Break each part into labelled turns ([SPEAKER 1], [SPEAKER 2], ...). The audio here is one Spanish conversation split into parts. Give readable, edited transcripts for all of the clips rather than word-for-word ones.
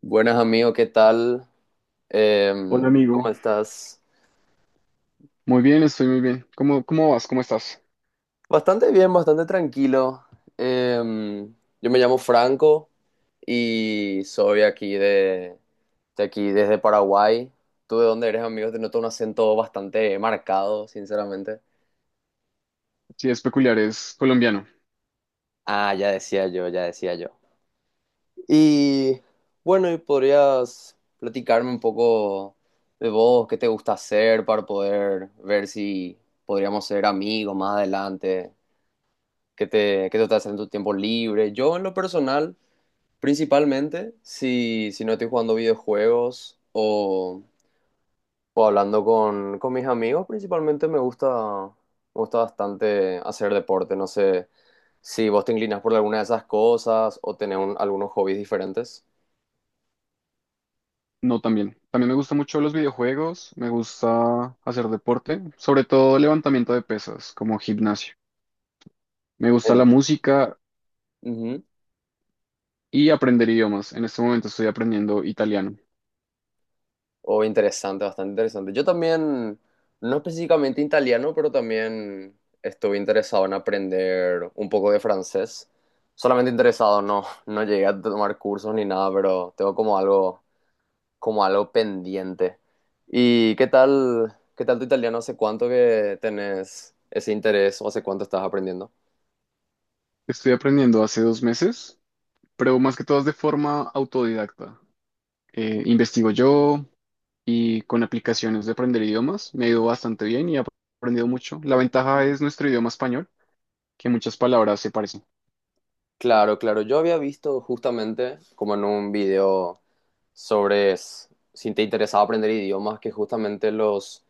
[SPEAKER 1] Buenas amigo, ¿qué tal?
[SPEAKER 2] Hola
[SPEAKER 1] ¿Cómo
[SPEAKER 2] amigo,
[SPEAKER 1] estás?
[SPEAKER 2] muy bien, estoy muy bien. ¿Cómo vas? ¿Cómo estás?
[SPEAKER 1] Bastante bien, bastante tranquilo. Em, yo me llamo Franco y soy aquí de aquí desde Paraguay. ¿Tú de dónde eres, amigo? Te noto un acento bastante marcado, sinceramente.
[SPEAKER 2] Si es peculiar, es colombiano.
[SPEAKER 1] Ah, ya decía yo, ya decía yo. Y bueno, ¿y podrías platicarme un poco de vos, qué te gusta hacer para poder ver si podríamos ser amigos más adelante? ¿Qué te estás haciendo en tu tiempo libre? Yo, en lo personal, principalmente, si no estoy jugando videojuegos o hablando con mis amigos, principalmente me gusta bastante hacer deporte. No sé si vos te inclinas por alguna de esas cosas o algunos hobbies diferentes.
[SPEAKER 2] No, también. También me gustan mucho los videojuegos, me gusta hacer deporte, sobre todo levantamiento de pesas, como gimnasio. Me gusta la
[SPEAKER 1] En-
[SPEAKER 2] música
[SPEAKER 1] Ujú.
[SPEAKER 2] y aprender idiomas. En este momento estoy aprendiendo italiano.
[SPEAKER 1] Oh, interesante, bastante interesante. Yo también, no específicamente italiano, pero también estuve interesado en aprender un poco de francés. Solamente interesado, no, no llegué a tomar cursos ni nada, pero tengo como algo pendiente. ¿Y qué tal tu italiano? ¿Hace cuánto que tenés ese interés o hace cuánto estás aprendiendo?
[SPEAKER 2] Estoy aprendiendo hace dos meses, pero más que todo es de forma autodidacta. Investigo yo y con aplicaciones de aprender idiomas me ha ido bastante bien y he aprendido mucho. La ventaja es nuestro idioma español, que muchas palabras se parecen.
[SPEAKER 1] Claro, claro. Yo había visto justamente como en un video sobre s- si te interesaba aprender idiomas, que justamente los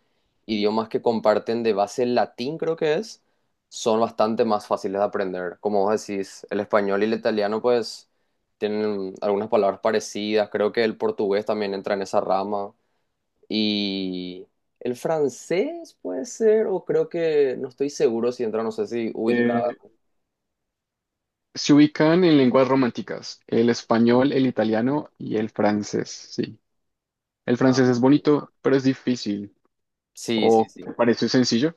[SPEAKER 1] idiomas que comparten de base latín, creo que es, son bastante más fáciles de aprender. Como vos decís, el español y el italiano pues tienen algunas palabras parecidas. Creo que el portugués también entra en esa rama. Y el francés puede ser, o creo que, no estoy seguro si entra, no sé si ubica.
[SPEAKER 2] Eh, Se ubican en lenguas románticas, el español, el italiano y el francés, sí. El
[SPEAKER 1] ah,
[SPEAKER 2] francés es bonito, pero es difícil,
[SPEAKER 1] Sí, sí,
[SPEAKER 2] o
[SPEAKER 1] sí.
[SPEAKER 2] parece sencillo.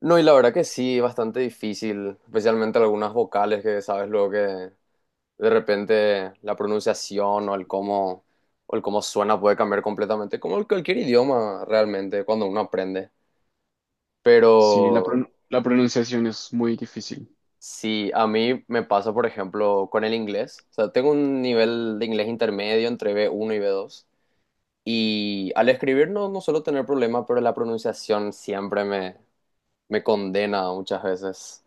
[SPEAKER 1] No, y la verdad que sí, bastante difícil, especialmente algunas vocales que sabes luego que de repente la pronunciación o el cómo suena puede cambiar completamente, como en cualquier idioma realmente cuando uno aprende. Pero
[SPEAKER 2] Sí, la pronunciación es muy difícil.
[SPEAKER 1] sí, a mí me pasa, por ejemplo, con el inglés. O sea, tengo un nivel de inglés intermedio entre B1 y B2. Y al escribir no, no suelo tener problemas, pero la pronunciación siempre me, me condena muchas veces.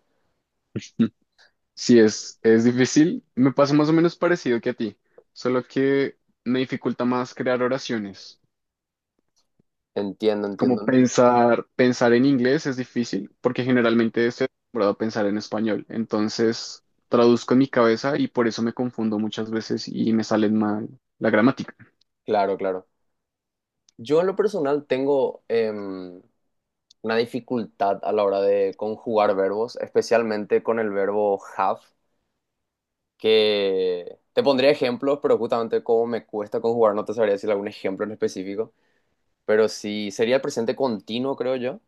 [SPEAKER 2] Sí, es difícil. Me pasa más o menos parecido que a ti, solo que me dificulta más crear oraciones.
[SPEAKER 1] Entiendo,
[SPEAKER 2] Como
[SPEAKER 1] entiendo.
[SPEAKER 2] pensar en inglés es difícil, porque generalmente estoy acostumbrado a pensar en español. Entonces, traduzco en mi cabeza y por eso me confundo muchas veces y me salen mal la gramática.
[SPEAKER 1] Claro, claro. Yo en lo personal tengo una dificultad a la hora de conjugar verbos, especialmente con el verbo have, que te pondría ejemplos, pero justamente como me cuesta conjugar, no te sabría decir algún ejemplo en específico, pero sí sería el presente continuo, creo yo.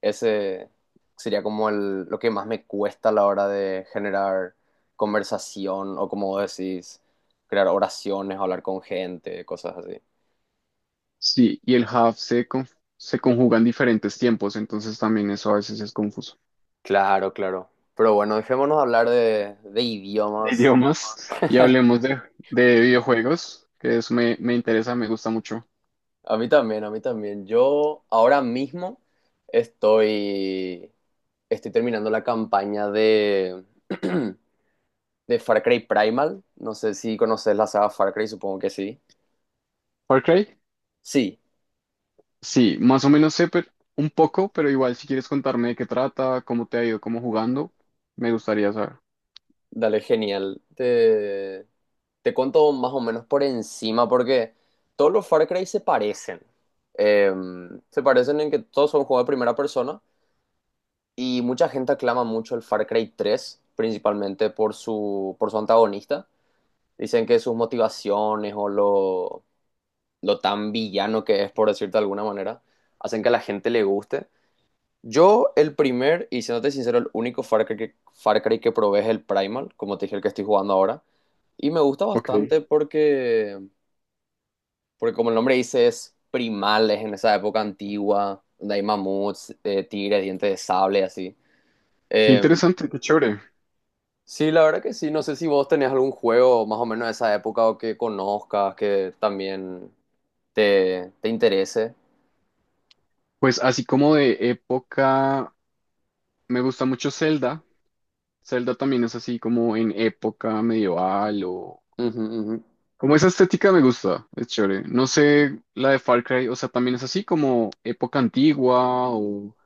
[SPEAKER 1] Ese sería como el, lo que más me cuesta a la hora de generar conversación o como decís, crear oraciones, hablar con gente, cosas así.
[SPEAKER 2] Sí, y el have se conjugan diferentes tiempos, entonces también eso a veces es confuso.
[SPEAKER 1] Claro, claro. Pero bueno, dejémonos hablar de
[SPEAKER 2] De
[SPEAKER 1] idiomas.
[SPEAKER 2] idiomas, y hablemos de videojuegos, que eso me interesa, me gusta mucho.
[SPEAKER 1] A mí también, a mí también. Yo ahora mismo estoy, estoy terminando la campaña de, de Far Cry Primal. No sé si conoces la saga Far Cry, supongo que sí.
[SPEAKER 2] Far Cry.
[SPEAKER 1] Sí,
[SPEAKER 2] Sí, más o menos sé pero un poco, pero igual si quieres contarme de qué trata, cómo te ha ido, cómo jugando, me gustaría saber.
[SPEAKER 1] dale, genial. Te cuento más o menos por encima porque todos los Far Cry se parecen. Se parecen en que todos son juegos de primera persona. Y mucha gente aclama mucho el Far Cry 3 principalmente por su antagonista. Dicen que sus motivaciones o lo tan villano que es, por decirte de alguna manera, hacen que a la gente le guste. Yo, el primer, y siéndote sincero, el único Far Cry que probé es el Primal, como te dije, el que estoy jugando ahora. Y me gusta
[SPEAKER 2] Ok.
[SPEAKER 1] bastante porque, porque como el nombre dice, es primales en esa época antigua, donde hay mamuts, tigres, dientes de sable, así.
[SPEAKER 2] Qué
[SPEAKER 1] Eh,
[SPEAKER 2] interesante, qué chévere.
[SPEAKER 1] Sí, la verdad que sí. No sé si vos tenés algún juego más o menos de esa época o que conozcas, que también te interese.
[SPEAKER 2] Pues así como de época, me gusta mucho Zelda. Zelda también es así como en época medieval o...
[SPEAKER 1] Ujú, ujú.
[SPEAKER 2] Como esa estética me gusta, es chévere. No sé, la de Far Cry, o sea, también es así como época antigua o...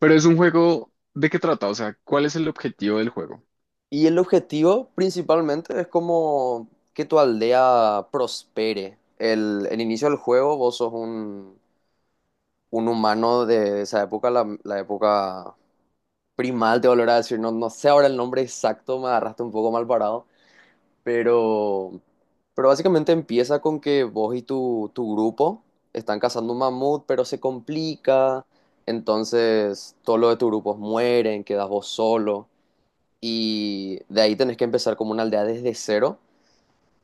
[SPEAKER 2] Pero es un juego, ¿de qué trata? O sea, ¿cuál es el objetivo del juego?
[SPEAKER 1] Y el objetivo principalmente es como que tu aldea prospere. El inicio del juego, vos sos un humano de esa época, la época primal, te volverá a decir. No, no sé ahora el nombre exacto, me agarraste un poco mal parado. Pero, pero básicamente empieza con que vos y tu grupo están cazando un mamut, pero se complica. Entonces, todos los de tu grupo mueren, quedas vos solo. Y de ahí tenés que empezar como una aldea desde cero.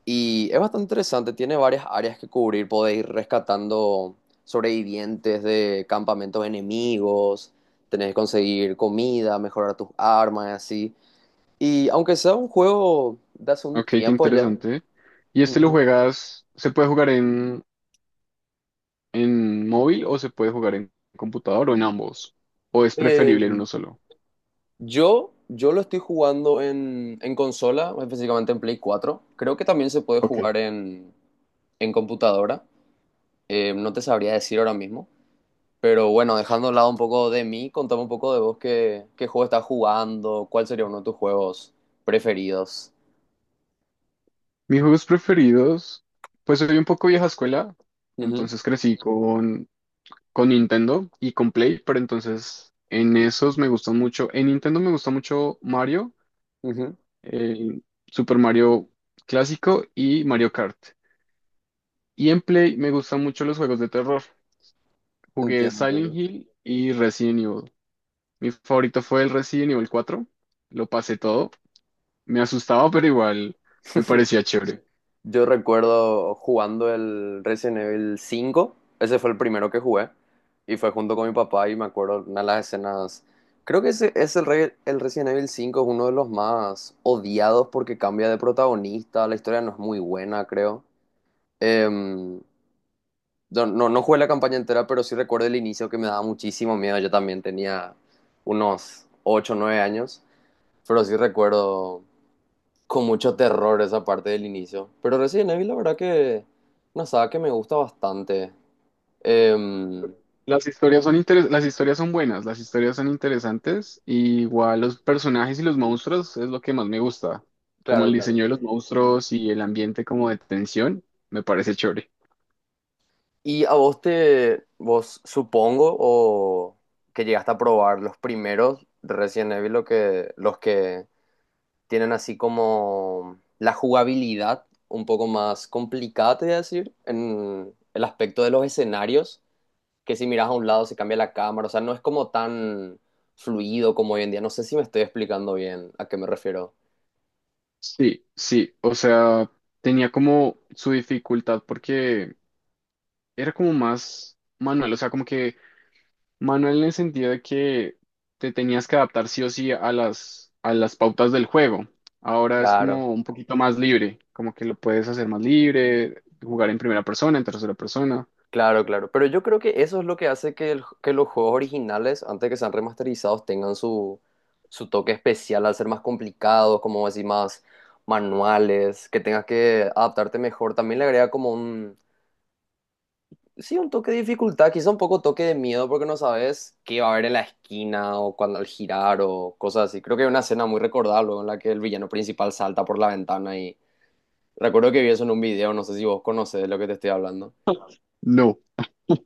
[SPEAKER 1] Y es bastante interesante, tiene varias áreas que cubrir. Podés ir rescatando sobrevivientes de campamentos enemigos, tenés que conseguir comida, mejorar tus armas y así. Y aunque sea un juego de hace un
[SPEAKER 2] Ok, qué
[SPEAKER 1] tiempo ya,
[SPEAKER 2] interesante. ¿Y este lo
[SPEAKER 1] ujú,
[SPEAKER 2] juegas, se puede jugar en móvil o se puede jugar en computador o en ambos? ¿O es
[SPEAKER 1] Eh,
[SPEAKER 2] preferible en uno solo?
[SPEAKER 1] yo lo estoy jugando en consola, específicamente en Play cuatro. Creo que también se puede
[SPEAKER 2] Ok.
[SPEAKER 1] jugar en computadora. No te sabría decir ahora mismo. Pero bueno, dejando a un lado un poco de mí, contame un poco de vos qué juego estás jugando, cuál sería uno de tus juegos preferidos.
[SPEAKER 2] Mis juegos preferidos, pues soy un poco vieja escuela,
[SPEAKER 1] Ujú,
[SPEAKER 2] entonces crecí con Nintendo y con Play, pero entonces en esos me gustan mucho, en Nintendo me gusta mucho Mario,
[SPEAKER 1] ujú.
[SPEAKER 2] el Super Mario clásico y Mario Kart. Y en Play me gustan mucho los juegos de terror. Jugué
[SPEAKER 1] Entiendo,
[SPEAKER 2] Silent
[SPEAKER 1] entiendo.
[SPEAKER 2] Hill y Resident Evil. Mi favorito fue el Resident Evil 4. Lo pasé todo. Me asustaba, pero igual me parecía chévere.
[SPEAKER 1] Yo recuerdo jugando el Resident Evil 5, ese fue el primero que jugué, y fue junto con mi papá y me acuerdo una de las escenas, creo que ese es el Resident Evil 5, es uno de los más odiados porque cambia de protagonista, la historia no es muy buena, creo. Em, yo no, no jugué la campaña entera, pero sí recuerdo el inicio que me daba muchísimo miedo, yo también tenía unos 8 o 9 años, pero sí recuerdo con mucho terror esa parte del inicio. Pero Resident Evil, la verdad que una saga que me gusta bastante. Em,
[SPEAKER 2] Las historias son buenas, las historias son interesantes. Y igual los personajes y los monstruos es lo que más me gusta. Como
[SPEAKER 1] Claro,
[SPEAKER 2] el
[SPEAKER 1] claro.
[SPEAKER 2] diseño de los monstruos y el ambiente como de tensión, me parece chévere.
[SPEAKER 1] Y a vos supongo o que llegaste a probar los primeros Resident Evil, los que tienen así como la jugabilidad un poco más complicada, te voy a decir, en el aspecto de los escenarios. Que si miras a un lado se cambia la cámara, o sea, no es como tan fluido como hoy en día. No sé si me estoy explicando bien a qué me refiero.
[SPEAKER 2] Sí, sí, o sea, tenía como su dificultad porque era como más manual, o sea, como que manual en el sentido de que te tenías que adaptar sí o sí a a las pautas del juego. Ahora es
[SPEAKER 1] Claro,
[SPEAKER 2] como un poquito más libre, como que lo puedes hacer más libre, jugar en primera persona, en tercera persona.
[SPEAKER 1] claro, claro. Pero yo creo que eso es lo que hace que los juegos originales, antes de que sean remasterizados, tengan su, su toque especial al ser más complicados, como decir, más manuales, que tengas que adaptarte mejor. También le agrega como sí, un toque de dificultad, quizá un poco toque de miedo porque no sabes qué va a haber en la esquina o cuando al girar o cosas así. Creo que hay una escena muy recordable en la que el villano principal salta por la ventana y recuerdo que vi eso en un video, no sé si vos conocés de lo que te estoy hablando.
[SPEAKER 2] No,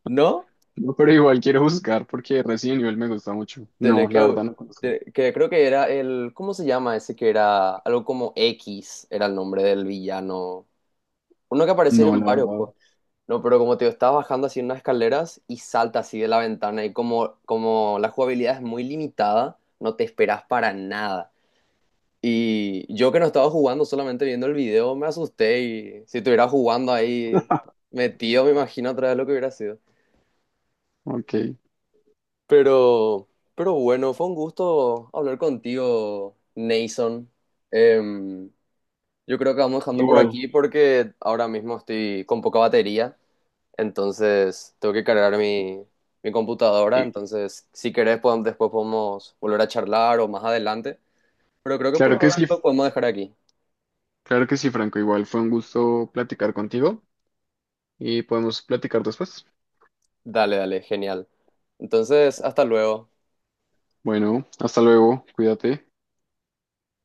[SPEAKER 1] ¿No?
[SPEAKER 2] no, pero igual quiero buscar porque Resident Evil me gusta mucho.
[SPEAKER 1] Tenés
[SPEAKER 2] No, la
[SPEAKER 1] que...
[SPEAKER 2] verdad no conozco.
[SPEAKER 1] que creo que era el... ¿Cómo se llama ese que era? Algo como X era el nombre del villano. Uno que apareció
[SPEAKER 2] No,
[SPEAKER 1] en
[SPEAKER 2] la
[SPEAKER 1] varios
[SPEAKER 2] verdad.
[SPEAKER 1] juegos. No, pero como te digo, estaba bajando así unas escaleras y salta así de la ventana y como, como la jugabilidad es muy limitada, no te esperas para nada. Y yo que no estaba jugando, solamente viendo el video, me asusté y si estuviera jugando ahí metido, me imagino otra vez lo que hubiera sido.
[SPEAKER 2] Ok.
[SPEAKER 1] Pero, pero bueno, fue un gusto hablar contigo, Nason. Em, yo creo que vamos dejando por
[SPEAKER 2] Igual.
[SPEAKER 1] aquí porque ahora mismo estoy con poca batería. Entonces, tengo que cargar mi computadora.
[SPEAKER 2] Y...
[SPEAKER 1] Entonces, si querés, después podemos volver a charlar o más adelante. Pero creo que por
[SPEAKER 2] Claro que
[SPEAKER 1] ahora
[SPEAKER 2] sí,
[SPEAKER 1] lo podemos dejar aquí.
[SPEAKER 2] claro que sí, Franco. Igual fue un gusto platicar contigo y podemos platicar después.
[SPEAKER 1] Dale, dale, genial. Entonces, hasta luego.
[SPEAKER 2] Bueno, hasta luego, cuídate.